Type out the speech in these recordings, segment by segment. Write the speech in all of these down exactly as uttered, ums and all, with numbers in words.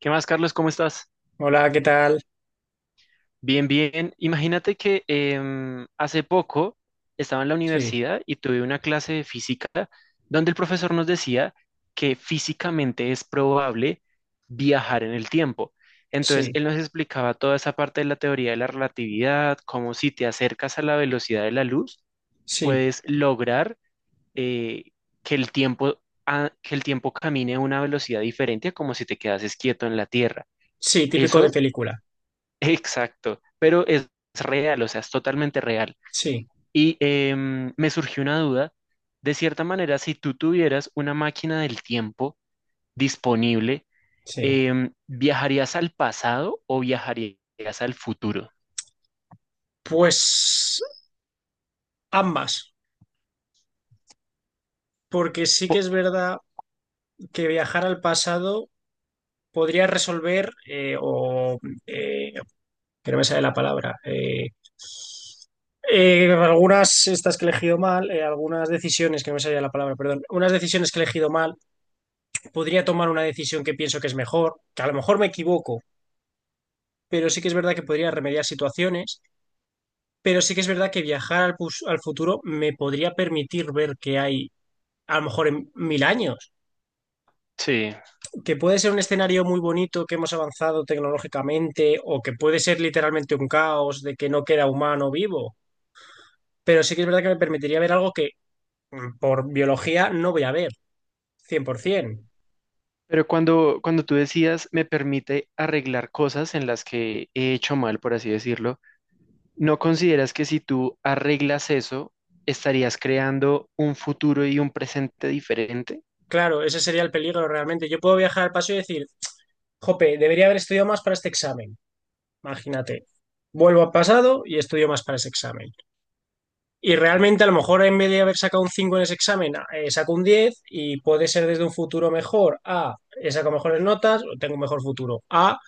¿Qué más, Carlos? ¿Cómo estás? Hola, ¿qué tal? Bien, bien. Imagínate que em, hace poco estaba en la Sí, universidad y tuve una clase de física donde el profesor nos decía que físicamente es probable viajar en el tiempo. Entonces, sí, él nos explicaba toda esa parte de la teoría de la relatividad, cómo si te acercas a la velocidad de la luz, sí, puedes lograr eh, que el tiempo, a- que el tiempo camine a una velocidad diferente a como si te quedases quieto en la Tierra. sí, típico de Eso película. Exacto, pero es real, o sea, es totalmente real. Sí, Y em, me surgió una duda, de cierta manera, si tú tuvieras una máquina del tiempo disponible, sí. em, ¿viajarías al pasado o viajarías al futuro? Pues ambas, porque sí que Po- es verdad que viajar al pasado podría resolver eh, o eh, que no me sale la palabra. Eh, eh, algunas, estas que he elegido mal, eh, algunas decisiones, que no me salía la palabra, perdón, unas decisiones que he elegido mal, podría tomar una decisión que pienso que es mejor, que a lo mejor me equivoco, pero sí que es verdad que podría remediar situaciones. Pero sí que es verdad que viajar al, pus- al futuro me podría permitir ver qué hay a lo mejor en mil años, sí, que puede ser un escenario muy bonito, que hemos avanzado tecnológicamente, o que puede ser literalmente un caos de que no queda humano vivo. Pero sí que es verdad que me permitiría ver algo que mm, por biología no voy a ver, cien por ciento. pero cuando, cuando tú decías, me permite arreglar cosas en las que he hecho mal, por así decirlo, ¿no consideras que si tú arreglas eso, estarías creando un futuro y un presente diferente? Claro, ese sería el peligro realmente. Yo puedo viajar al pasado y decir, jope, debería haber estudiado más para este examen. Imagínate, vuelvo al pasado y estudio más para ese examen. Y realmente a lo mejor en vez de haber sacado un cinco en ese examen, eh, saco un diez y puede ser desde un futuro mejor a he sacado mejores notas, o tengo un mejor futuro, a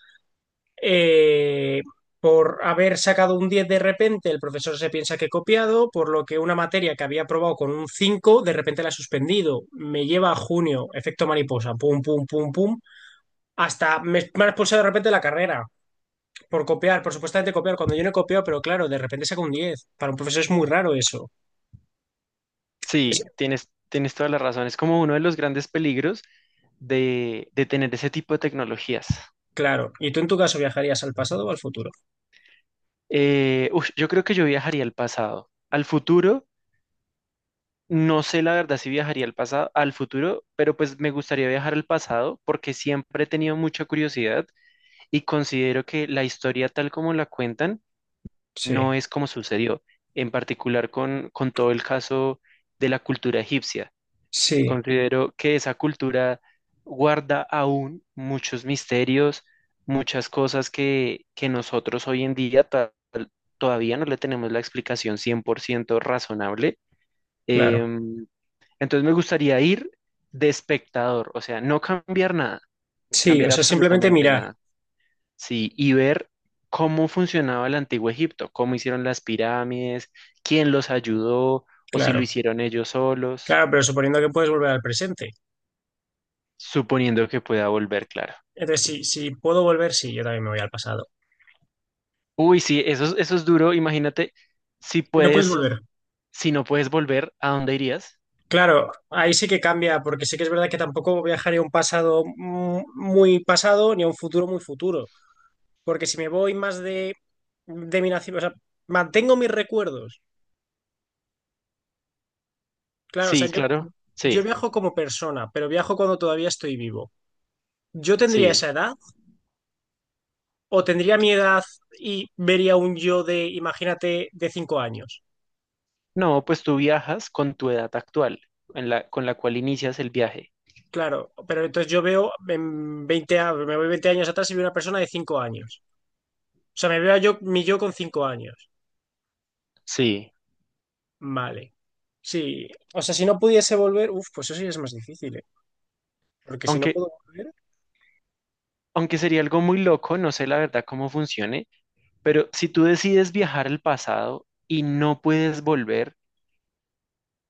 eh, por haber sacado un diez de repente el profesor se piensa que he copiado, por lo que una materia que había aprobado con un cinco de repente la he suspendido, me lleva a junio, efecto mariposa, pum, pum, pum, pum, hasta me, me han expulsado de repente de la carrera por copiar, por supuestamente copiar, cuando yo no he copiado, pero claro, de repente saco un diez. Para un profesor es muy raro eso. Sí, tienes, tienes toda la razón. Es como uno de los grandes peligros de, de tener ese tipo de tecnologías. Claro. ¿Y tú en tu caso viajarías al pasado o al futuro? Eh, ush, yo creo que yo viajaría al pasado. Al futuro, no sé la verdad si viajaría al pasado, al futuro, pero pues me gustaría viajar al pasado porque siempre he tenido mucha curiosidad y considero que la historia tal como la cuentan Sí, no es como sucedió, en particular con, con todo el caso de la cultura egipcia. sí, Considero que esa cultura guarda aún muchos misterios, muchas cosas que, que nosotros hoy en día ta- todavía no le tenemos la explicación cien por ciento razonable. claro. Em, entonces me gustaría ir de espectador, o sea, no cambiar nada, Sí, o cambiar sea, simplemente absolutamente mirar, nada, sí, y ver cómo funcionaba el antiguo Egipto, cómo hicieron las pirámides, quién los ayudó o si lo claro. hicieron ellos solos, Claro, pero suponiendo que puedes volver al presente. suponiendo que pueda volver, claro. Entonces, si, si puedo volver, sí, yo también me voy al pasado. Uy, sí, eso, es- eso es duro. Imagínate si Y no puedes puedes, volver. si no puedes volver, ¿a dónde irías? Claro, ahí sí que cambia, porque sí que es verdad que tampoco viajaría a un pasado mu- muy pasado ni a un futuro muy futuro. Porque si me voy más de, de mi nacimiento, o sea, mantengo mis recuerdos. Claro, o sea, Sí, yo, claro. yo Sí, viajo como persona, pero viajo cuando todavía estoy vivo. Yo tendría sí. esa edad o tendría mi edad y vería un yo de, imagínate, de cinco años. No, pues tú viajas con tu edad actual, en la, con la cual inicias el viaje. Claro, pero entonces yo veo en veinte a- me voy veinte años atrás y veo una persona de cinco años. O sea, me veo yo, mi yo con cinco años. Sí. Vale. Sí, o sea, si no pudiese volver, uff, pues eso sí es más difícil, ¿eh? Porque si no Aunque, puedo volver, aunque sería algo muy loco, no sé la verdad cómo funcione, pero si tú decides viajar al pasado y no puedes volver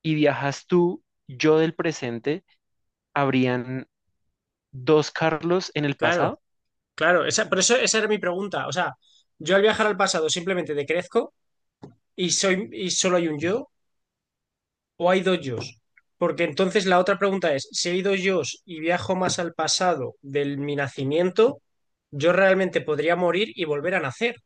y viajas tú, yo del presente, ¿habrían dos Carlos en el claro, pasado? claro, esa, por eso esa era mi pregunta. O sea, yo al viajar al pasado simplemente decrezco y soy y solo hay un yo, ¿o hay dos yos? Porque entonces la otra pregunta es, si hay dos yos y viajo más al pasado de mi nacimiento, yo realmente podría morir y volver a nacer.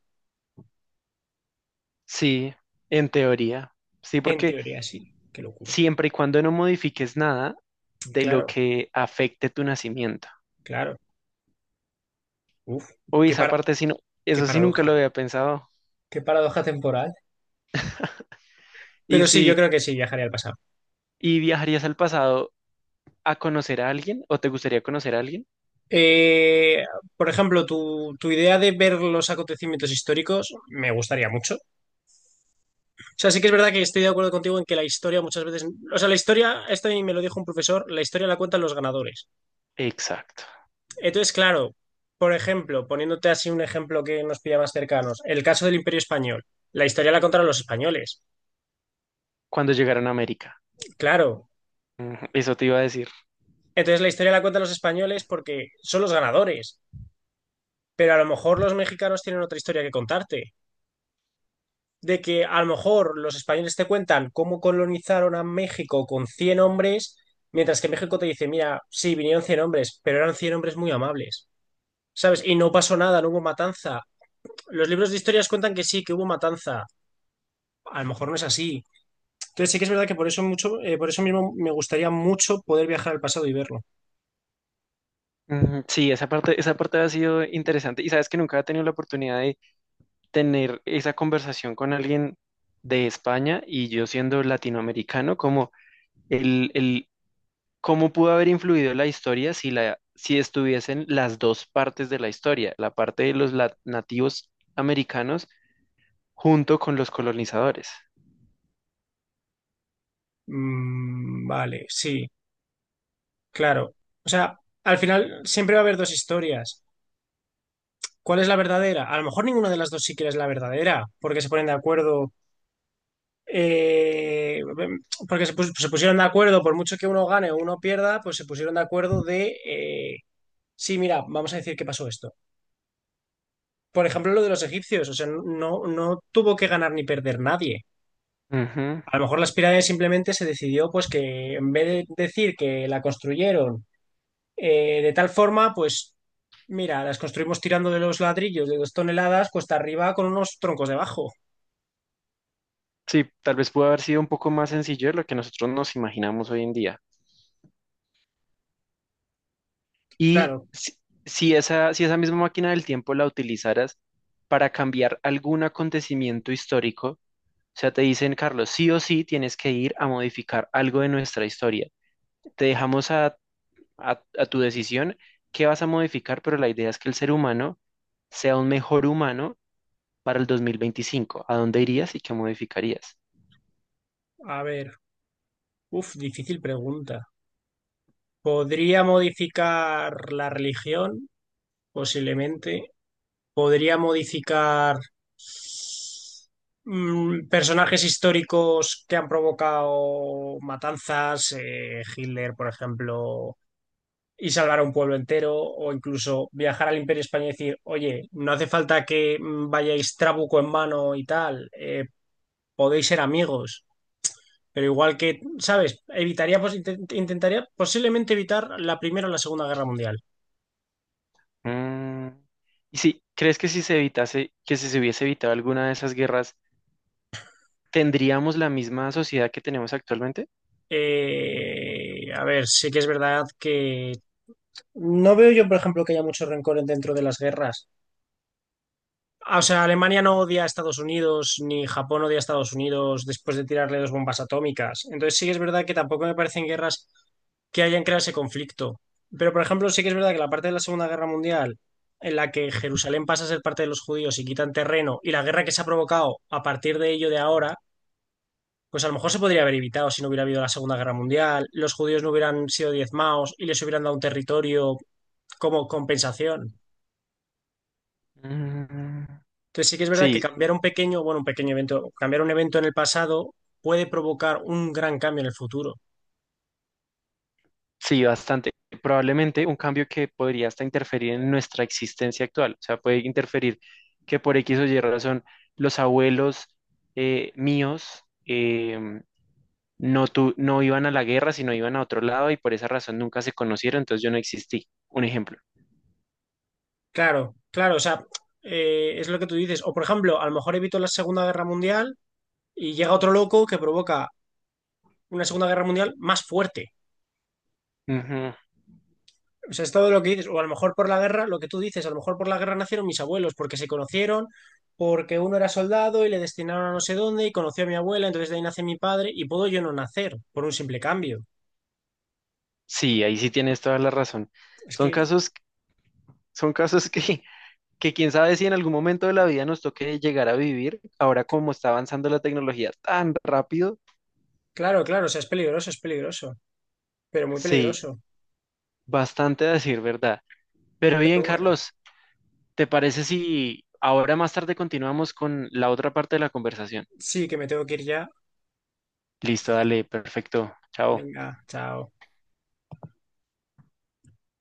Sí, en teoría. Sí, En porque teoría, sí. Qué locura. siempre y cuando no modifiques nada de lo Claro, que afecte tu nacimiento. claro. Uf, Uy, qué, esa para, parte sí, no, qué eso sí nunca lo paradoja. había pensado. Qué paradoja temporal. Y Pero sí, yo si, creo que sí, viajaría al pasado. ¿y viajarías al pasado a conocer a alguien o te gustaría conocer a alguien? Eh, por ejemplo, tu, tu idea de ver los acontecimientos históricos me gustaría mucho. O sea, sí que es verdad que estoy de acuerdo contigo en que la historia muchas veces... O sea, la historia, esto a mí me lo dijo un profesor, la historia la cuentan los ganadores. Exacto, Entonces, claro, por ejemplo, poniéndote así un ejemplo que nos pilla más cercanos, el caso del Imperio Español. La historia la contaron los españoles, cuando llegaron a América. claro. Ujú, eso te iba a decir. Entonces la historia la cuentan los españoles porque son los ganadores, pero a lo mejor los mexicanos tienen otra historia que contarte. De que a lo mejor los españoles te cuentan cómo colonizaron a México con cien hombres, mientras que México te dice, mira, sí, vinieron cien hombres, pero eran cien hombres muy amables, ¿sabes? Y no pasó nada, no hubo matanza. Los libros de historias cuentan que sí, que hubo matanza. A lo mejor no es así. Entonces sí que es verdad que por eso mucho, eh, por eso mismo me gustaría mucho poder viajar al pasado y verlo. Ujú, sí, esa parte, esa parte ha sido interesante. Y sabes que nunca he tenido la oportunidad de tener esa conversación con alguien de España y yo siendo latinoamericano, como el, el ¿cómo pudo haber influido la historia si, la, si estuviesen las dos partes de la historia, la parte de los lat- nativos americanos junto con los colonizadores? Mm, vale, sí, claro. O sea, al final siempre va a haber dos historias. ¿Cuál es la verdadera? A lo mejor ninguna de las dos siquiera es la verdadera, porque se ponen de acuerdo, eh, porque se, pus- se pusieron de acuerdo, por mucho que uno gane o uno pierda, pues se pusieron de acuerdo de, eh, sí, mira, vamos a decir qué pasó esto. Por ejemplo, lo de los egipcios, o sea, no, no tuvo que ganar ni perder nadie. Ujú. A lo mejor las pirámides simplemente se decidió pues que en vez de decir que la construyeron eh, de tal forma, pues mira, las construimos tirando de los ladrillos de dos toneladas cuesta arriba con unos troncos debajo. Sí, tal vez pudo haber sido un poco más sencillo de lo que nosotros nos imaginamos hoy en día. Y Claro, si, si esa, si esa misma máquina del tiempo la utilizaras para cambiar algún acontecimiento histórico, o sea, te dicen, Carlos, sí o sí tienes que ir a modificar algo de nuestra historia. Te dejamos a a, a tu decisión qué vas a modificar, pero la idea es que el ser humano sea un mejor humano para el dos mil veinticinco. ¿A dónde irías y qué modificarías? a ver, uf, difícil pregunta. ¿Podría modificar la religión? Posiblemente. ¿Podría modificar mm, personajes históricos que han provocado matanzas? Eh, Hitler, por ejemplo, y salvar a un pueblo entero, o incluso viajar al Imperio Español y decir, oye, no hace falta que mm, vayáis trabuco en mano y tal, eh, podéis ser amigos, pero igual que, ¿sabes? Evitaría, pues, intent- intentaría posiblemente evitar la Primera o la Segunda Guerra Mundial. Mm, y si crees que si se evitase, que si se hubiese evitado alguna de esas guerras, ¿tendríamos la misma sociedad que tenemos actualmente? Eh, a ver, sí que es verdad que no veo yo, por ejemplo, que haya mucho rencor dentro de las guerras. Ah, O sea, Alemania no odia a Estados Unidos, ni Japón odia a Estados Unidos después de tirarle dos bombas atómicas. Entonces sí que es verdad que tampoco me parecen guerras que hayan creado ese conflicto. Pero, por ejemplo, sí que es verdad que la parte de la Segunda Guerra Mundial, en la que Jerusalén pasa a ser parte de los judíos y quitan terreno, y la guerra que se ha provocado a partir de ello de ahora, pues a lo mejor se podría haber evitado si no hubiera habido la Segunda Guerra Mundial, los judíos no hubieran sido diezmados y les hubieran dado un territorio como compensación. Mm, Entonces sí que es verdad que sí, cambiar un pequeño, bueno, un pequeño evento, cambiar un evento en el pasado puede provocar un gran cambio en el futuro. sí, bastante. Probablemente un cambio que podría hasta interferir en nuestra existencia actual. O sea, puede interferir que por X o Y razón los abuelos eh, míos em, no, tu- no iban a la guerra, sino iban a otro lado y por esa razón nunca se conocieron, entonces yo no existí. Un ejemplo. Claro, claro, o sea, eh, es lo que tú dices. O por ejemplo, a lo mejor evito la Segunda Guerra Mundial y llega otro loco que provoca una Segunda Guerra Mundial más fuerte. Ujú. O sea, es todo lo que dices. O a lo mejor por la guerra, lo que tú dices, a lo mejor por la guerra nacieron mis abuelos porque se conocieron, porque uno era soldado y le destinaron a no sé dónde y conoció a mi abuela, entonces de ahí nace mi padre y puedo yo no nacer por un simple cambio. Sí, ahí sí tienes toda la razón. Es Son que, casos, son casos que, que quién sabe si en algún momento de la vida nos toque llegar a vivir. Ahora como está avanzando la tecnología tan rápido, claro, claro, o sea, es peligroso, es peligroso, pero muy sí. peligroso. Bastante a decir verdad. Pero bien, Pero bueno, Carlos, ¿te parece si ahora más tarde continuamos con la otra parte de la conversación? sí, que me tengo que ir ya. Listo, dale, perfecto. Chao. Venga, chao.